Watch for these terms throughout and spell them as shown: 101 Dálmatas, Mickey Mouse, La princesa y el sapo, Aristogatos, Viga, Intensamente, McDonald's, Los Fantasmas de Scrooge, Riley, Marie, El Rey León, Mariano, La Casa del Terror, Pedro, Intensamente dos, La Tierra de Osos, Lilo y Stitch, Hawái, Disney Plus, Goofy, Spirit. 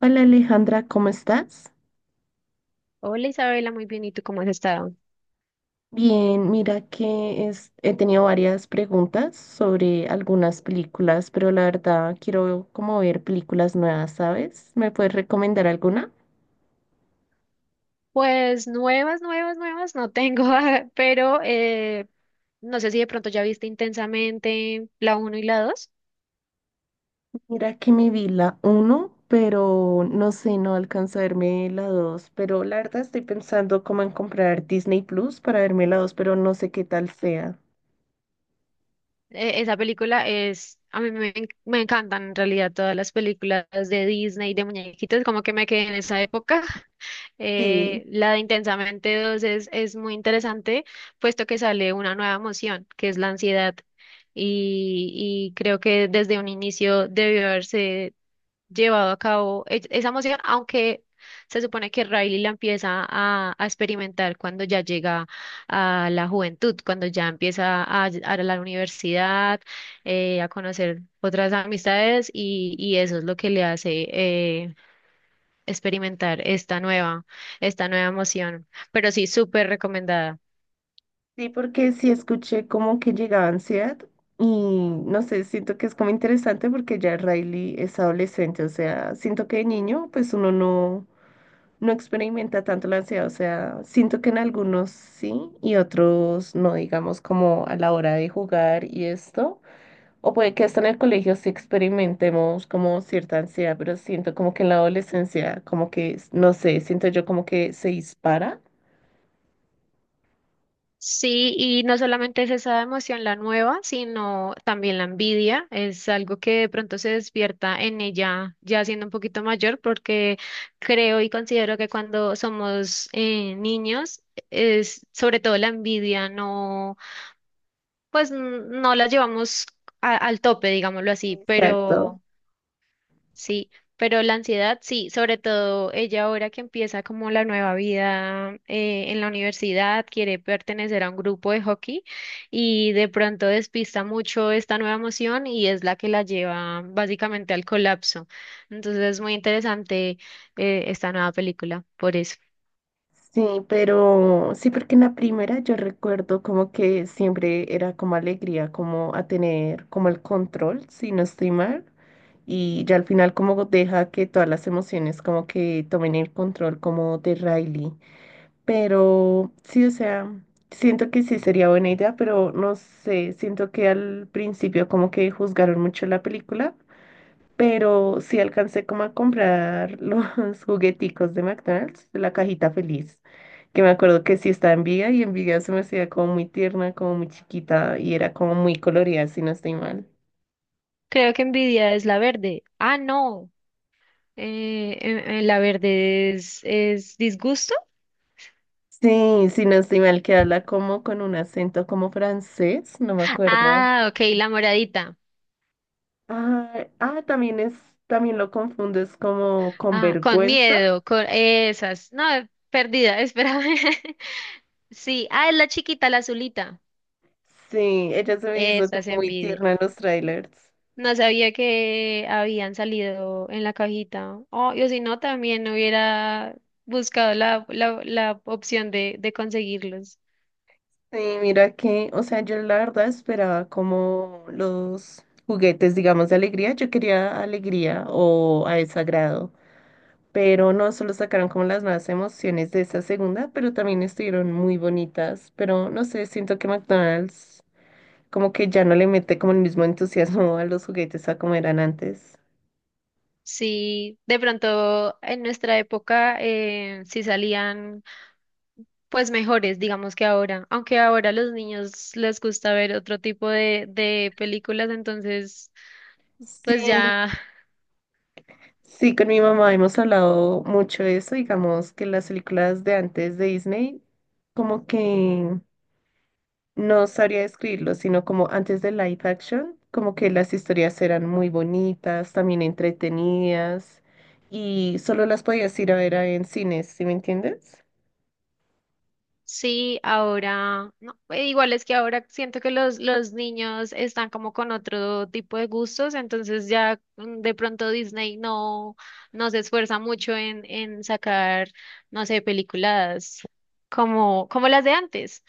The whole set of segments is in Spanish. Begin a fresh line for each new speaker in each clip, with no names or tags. Hola Alejandra, ¿cómo estás?
Hola Isabela, muy bien. ¿Y tú cómo has estado?
Bien, mira que he tenido varias preguntas sobre algunas películas, pero la verdad quiero como ver películas nuevas, ¿sabes? ¿Me puedes recomendar alguna?
Pues nuevas, nuevas, nuevas no tengo, pero no sé si de pronto ya viste Intensamente la uno y la dos.
Mira que me vi la uno, pero no sé, no alcanzo a verme la 2, pero la verdad estoy pensando como en comprar Disney Plus para verme la 2, pero no sé qué tal sea.
Esa película es, a mí me, me encantan en realidad todas las películas de Disney, de muñequitos, como que me quedé en esa época.
Sí.
La de Intensamente dos es muy interesante, puesto que sale una nueva emoción, que es la ansiedad. Y creo que desde un inicio debió haberse llevado a cabo esa emoción, aunque se supone que Riley la empieza a experimentar cuando ya llega a la juventud, cuando ya empieza a la universidad, a conocer otras amistades y eso es lo que le hace experimentar esta nueva emoción. Pero sí, súper recomendada.
Sí, porque sí escuché como que llegaba ansiedad y no sé, siento que es como interesante porque ya Riley es adolescente, o sea, siento que de niño pues uno no, no experimenta tanto la ansiedad, o sea, siento que en algunos sí y otros no, digamos como a la hora de jugar y esto, o puede que hasta en el colegio sí experimentemos como cierta ansiedad, pero siento como que en la adolescencia como que, no sé, siento yo como que se dispara.
Sí, y no solamente es esa emoción la nueva, sino también la envidia. Es algo que de pronto se despierta en ella ya siendo un poquito mayor, porque creo y considero que cuando somos niños, es sobre todo la envidia, no, pues no la llevamos al tope, digámoslo así,
Exacto.
pero sí, pero la ansiedad, sí, sobre todo ella ahora que empieza como la nueva vida en la universidad, quiere pertenecer a un grupo de hockey y de pronto despista mucho esta nueva emoción y es la que la lleva básicamente al colapso. Entonces es muy interesante esta nueva película, por eso.
Sí, pero sí, porque en la primera yo recuerdo como que siempre era como alegría, como a tener como el control, si no estoy mal, y ya al final como deja que todas las emociones como que tomen el control como de Riley. Pero sí, o sea, siento que sí sería buena idea, pero no sé, siento que al principio como que juzgaron mucho la película, pero sí alcancé como a comprar los jugueticos de McDonald's, la cajita feliz, que me acuerdo que sí estaba en Viga y en Viga se me hacía como muy tierna, como muy chiquita y era como muy colorida, si no estoy mal.
Creo que Envidia es la verde. Ah, no, la verde es disgusto.
Sí, si no estoy mal, que habla como con un acento como francés, no me acuerdo.
Ah, ok, la moradita.
Ah, ah, también es, también lo confundo, es como con
Ah, con
vergüenza.
miedo, con esas. No, perdida, espérame. Sí, ah, es la chiquita, la azulita.
Sí, ella se me hizo
Esas
como muy
envidia.
tierna en los trailers.
No sabía que habían salido en la cajita. Oh, yo si no, también hubiera buscado la opción de conseguirlos.
Sí, mira que, o sea, yo la verdad esperaba como los juguetes, digamos, de alegría. Yo quería alegría o a desagrado, pero no, solo sacaron como las nuevas emociones de esa segunda, pero también estuvieron muy bonitas. Pero no sé, siento que McDonald's como que ya no le mete como el mismo entusiasmo a los juguetes a como eran antes.
Sí, de pronto en nuestra época sí salían pues mejores, digamos que ahora. Aunque ahora a los niños les gusta ver otro tipo de películas, entonces. Pues
Sí,
ya,
sí, con mi mamá hemos hablado mucho de eso, digamos que las películas de antes de Disney, como que... No sabría describirlo, sino como antes de live action, como que las historias eran muy bonitas, también entretenidas, y solo las podías ir a ver a en cines, ¿sí me entiendes?
sí, ahora, no, igual es que ahora siento que los niños están como con otro tipo de gustos, entonces ya de pronto Disney no, no se esfuerza mucho en sacar, no sé, películas como las de antes.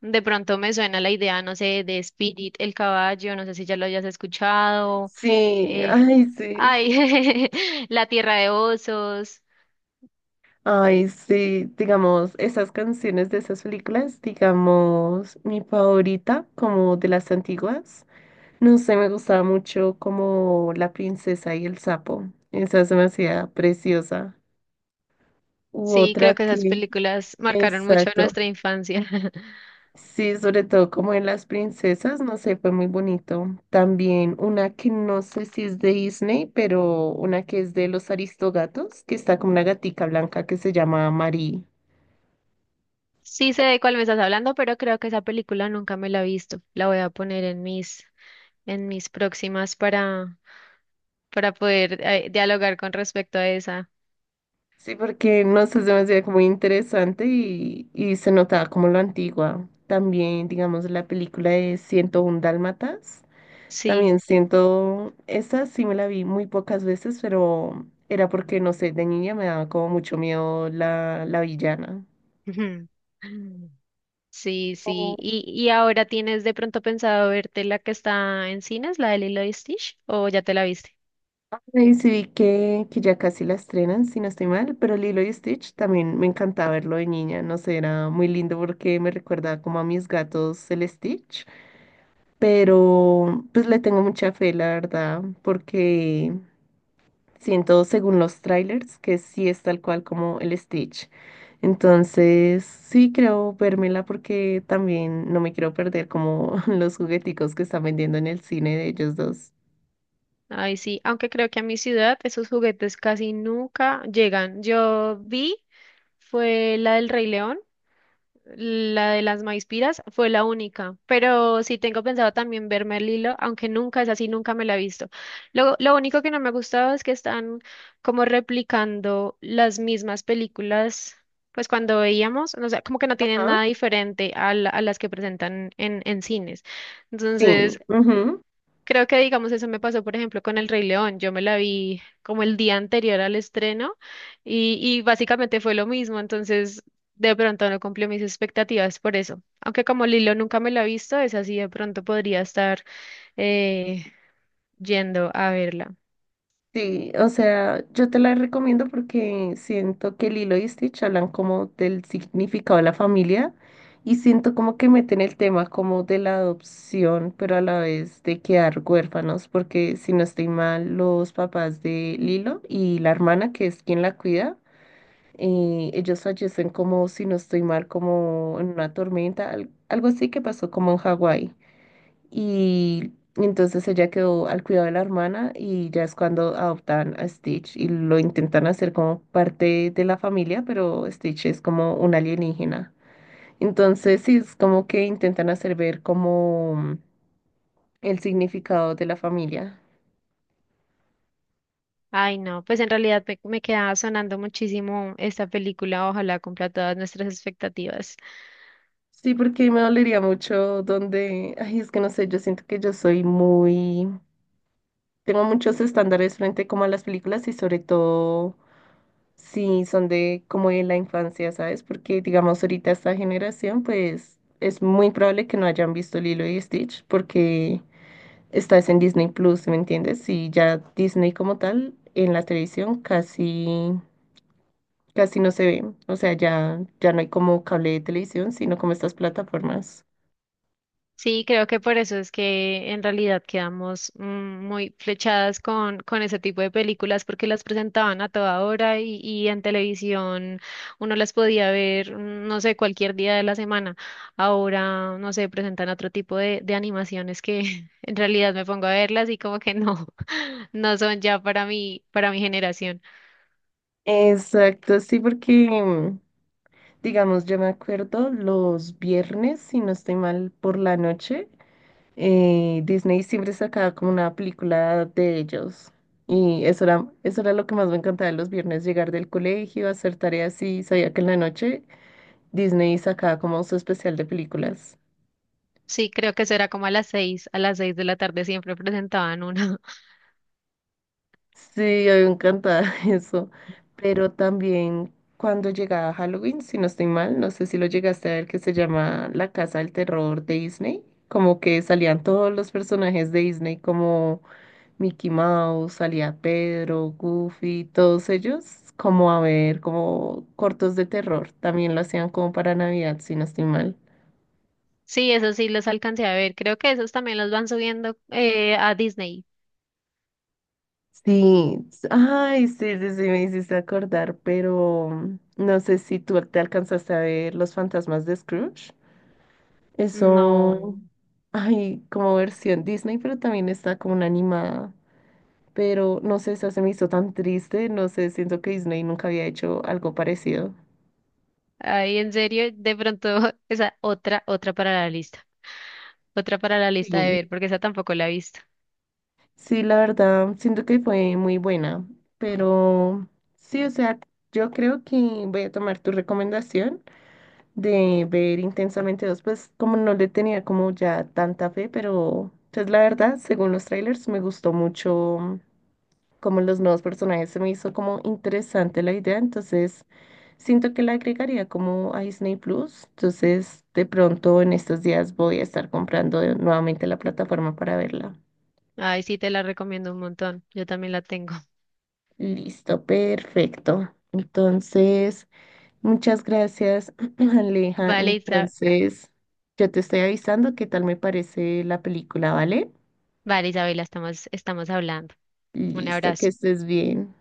De pronto me suena la idea, no sé, de Spirit, el caballo, no sé si ya lo hayas escuchado,
Sí,
eh,
ay, sí.
ay, La Tierra de Osos.
Ay, sí, digamos, esas canciones de esas películas, digamos, mi favorita, como de las antiguas, no sé, me gustaba mucho como La princesa y el sapo, esa se me hacía preciosa. U
Sí,
otra
creo que esas
que,
películas marcaron mucho
exacto.
nuestra infancia.
Sí, sobre todo como en las princesas, no sé, fue muy bonito. También una que no sé si es de Disney, pero una que es de los Aristogatos, que está como una gatica blanca que se llama Marie.
Sí sé de cuál me estás hablando, pero creo que esa película nunca me la he visto. La voy a poner en mis, próximas para poder dialogar con respecto a esa.
Sí, porque no sé, se me hacía como muy interesante y se notaba como lo antigua. También, digamos, la película de 101 Dálmatas.
Sí.
También siento, esa sí me la vi muy pocas veces, pero era porque, no sé, de niña me daba como mucho miedo la, la villana.
Sí, sí. ¿Y ahora tienes de pronto pensado verte la que está en cines, la de Lilo y Stitch, o ya te la viste?
Y sí, vi que ya casi la estrenan, si no estoy mal, pero Lilo y Stitch también me encantaba verlo de niña, no sé, era muy lindo porque me recordaba como a mis gatos el Stitch, pero pues le tengo mucha fe, la verdad, porque siento según los trailers que sí es tal cual como el Stitch. Entonces, sí creo vérmela porque también no me quiero perder como los jugueticos que están vendiendo en el cine de ellos dos.
Ay, sí, aunque creo que a mi ciudad esos juguetes casi nunca llegan. Yo vi, fue la del Rey León, la de las Maispiras fue la única, pero sí tengo pensado también verme el hilo, aunque nunca es así, nunca me la he visto. Lo único que no me ha gustado es que están como replicando las mismas películas, pues cuando veíamos, o sea, como que no tienen
Ajá.
nada diferente a, a las que presentan en cines.
Sí.
Entonces, creo que, digamos, eso me pasó, por ejemplo, con El Rey León. Yo me la vi como el día anterior al estreno y básicamente fue lo mismo. Entonces, de pronto no cumplió mis expectativas por eso. Aunque como Lilo nunca me la he visto, es así, de pronto podría estar eh, yendo a verla.
Sí, o sea, yo te la recomiendo porque siento que Lilo y Stitch hablan como del significado de la familia y siento como que meten el tema como de la adopción, pero a la vez de quedar huérfanos, porque si no estoy mal, los papás de Lilo y la hermana, que es quien la cuida, ellos fallecen como, si no estoy mal, como en una tormenta, algo así que pasó como en Hawái. Y entonces ella quedó al cuidado de la hermana y ya es cuando adoptan a Stitch y lo intentan hacer como parte de la familia, pero Stitch es como un alienígena. Entonces sí, es como que intentan hacer ver como el significado de la familia.
Ay, no, pues en realidad me queda sonando muchísimo esta película. Ojalá cumpla todas nuestras expectativas.
Sí, porque me dolería mucho donde, ay, es que no sé, yo siento que yo soy muy, tengo muchos estándares frente como a las películas y sobre todo sí, son de como de la infancia, ¿sabes? Porque digamos ahorita esta generación, pues es muy probable que no hayan visto Lilo y Stitch porque estás en Disney Plus, ¿me entiendes? Y ya Disney como tal en la televisión casi casi no se ve, o sea, ya no hay como cable de televisión, sino como estas plataformas.
Sí, creo que por eso es que en realidad quedamos muy flechadas con ese tipo de películas porque las presentaban a toda hora y en televisión uno las podía ver, no sé, cualquier día de la semana. Ahora, no sé, presentan otro tipo de animaciones que en realidad me pongo a verlas y como que no, no son ya para mí, para mi generación.
Exacto, sí, porque digamos, yo me acuerdo los viernes, si no estoy mal, por la noche. Disney siempre sacaba como una película de ellos. Y eso era lo que más me encantaba los viernes, llegar del colegio, hacer tareas y sabía que en la noche Disney sacaba como su especial de películas.
Sí, creo que eso era como a las 6, a las 6 de la tarde siempre presentaban una.
Sí, a mí me encantaba eso. Pero también cuando llegaba Halloween, si no estoy mal, no sé si lo llegaste a ver, que se llama La Casa del Terror de Disney. Como que salían todos los personajes de Disney como Mickey Mouse, salía Pedro, Goofy, todos ellos, como a ver, como cortos de terror. También lo hacían como para Navidad, si no estoy mal.
Sí, eso sí los alcancé a ver. Creo que esos también los van subiendo a Disney.
Sí, ay, sí, sí, sí, me hiciste acordar, pero no sé si tú te alcanzaste a ver Los Fantasmas de Scrooge. Eso,
No,
ay, como versión Disney, pero también está como una animada. Pero no sé, esa se me hizo tan triste, no sé, siento que Disney nunca había hecho algo parecido.
ahí en serio, de pronto esa otra para la lista, otra para la lista de
Sí.
ver, porque esa tampoco la he visto.
Sí, la verdad, siento que fue muy buena, pero sí, o sea, yo creo que voy a tomar tu recomendación de ver Intensamente dos, pues como no le tenía como ya tanta fe, pero pues la verdad, según los trailers, me gustó mucho como los nuevos personajes, se me hizo como interesante la idea, entonces siento que la agregaría como a Disney Plus, entonces de pronto en estos días voy a estar comprando nuevamente la plataforma para verla.
Ay, sí, te la recomiendo un montón. Yo también la tengo.
Listo, perfecto. Entonces, muchas gracias, Aleja.
Vale, Isa-
Entonces, yo te estoy avisando qué tal me parece la película, ¿vale?
vale, Isabela, estamos hablando. Un
Listo, que
abrazo.
estés bien.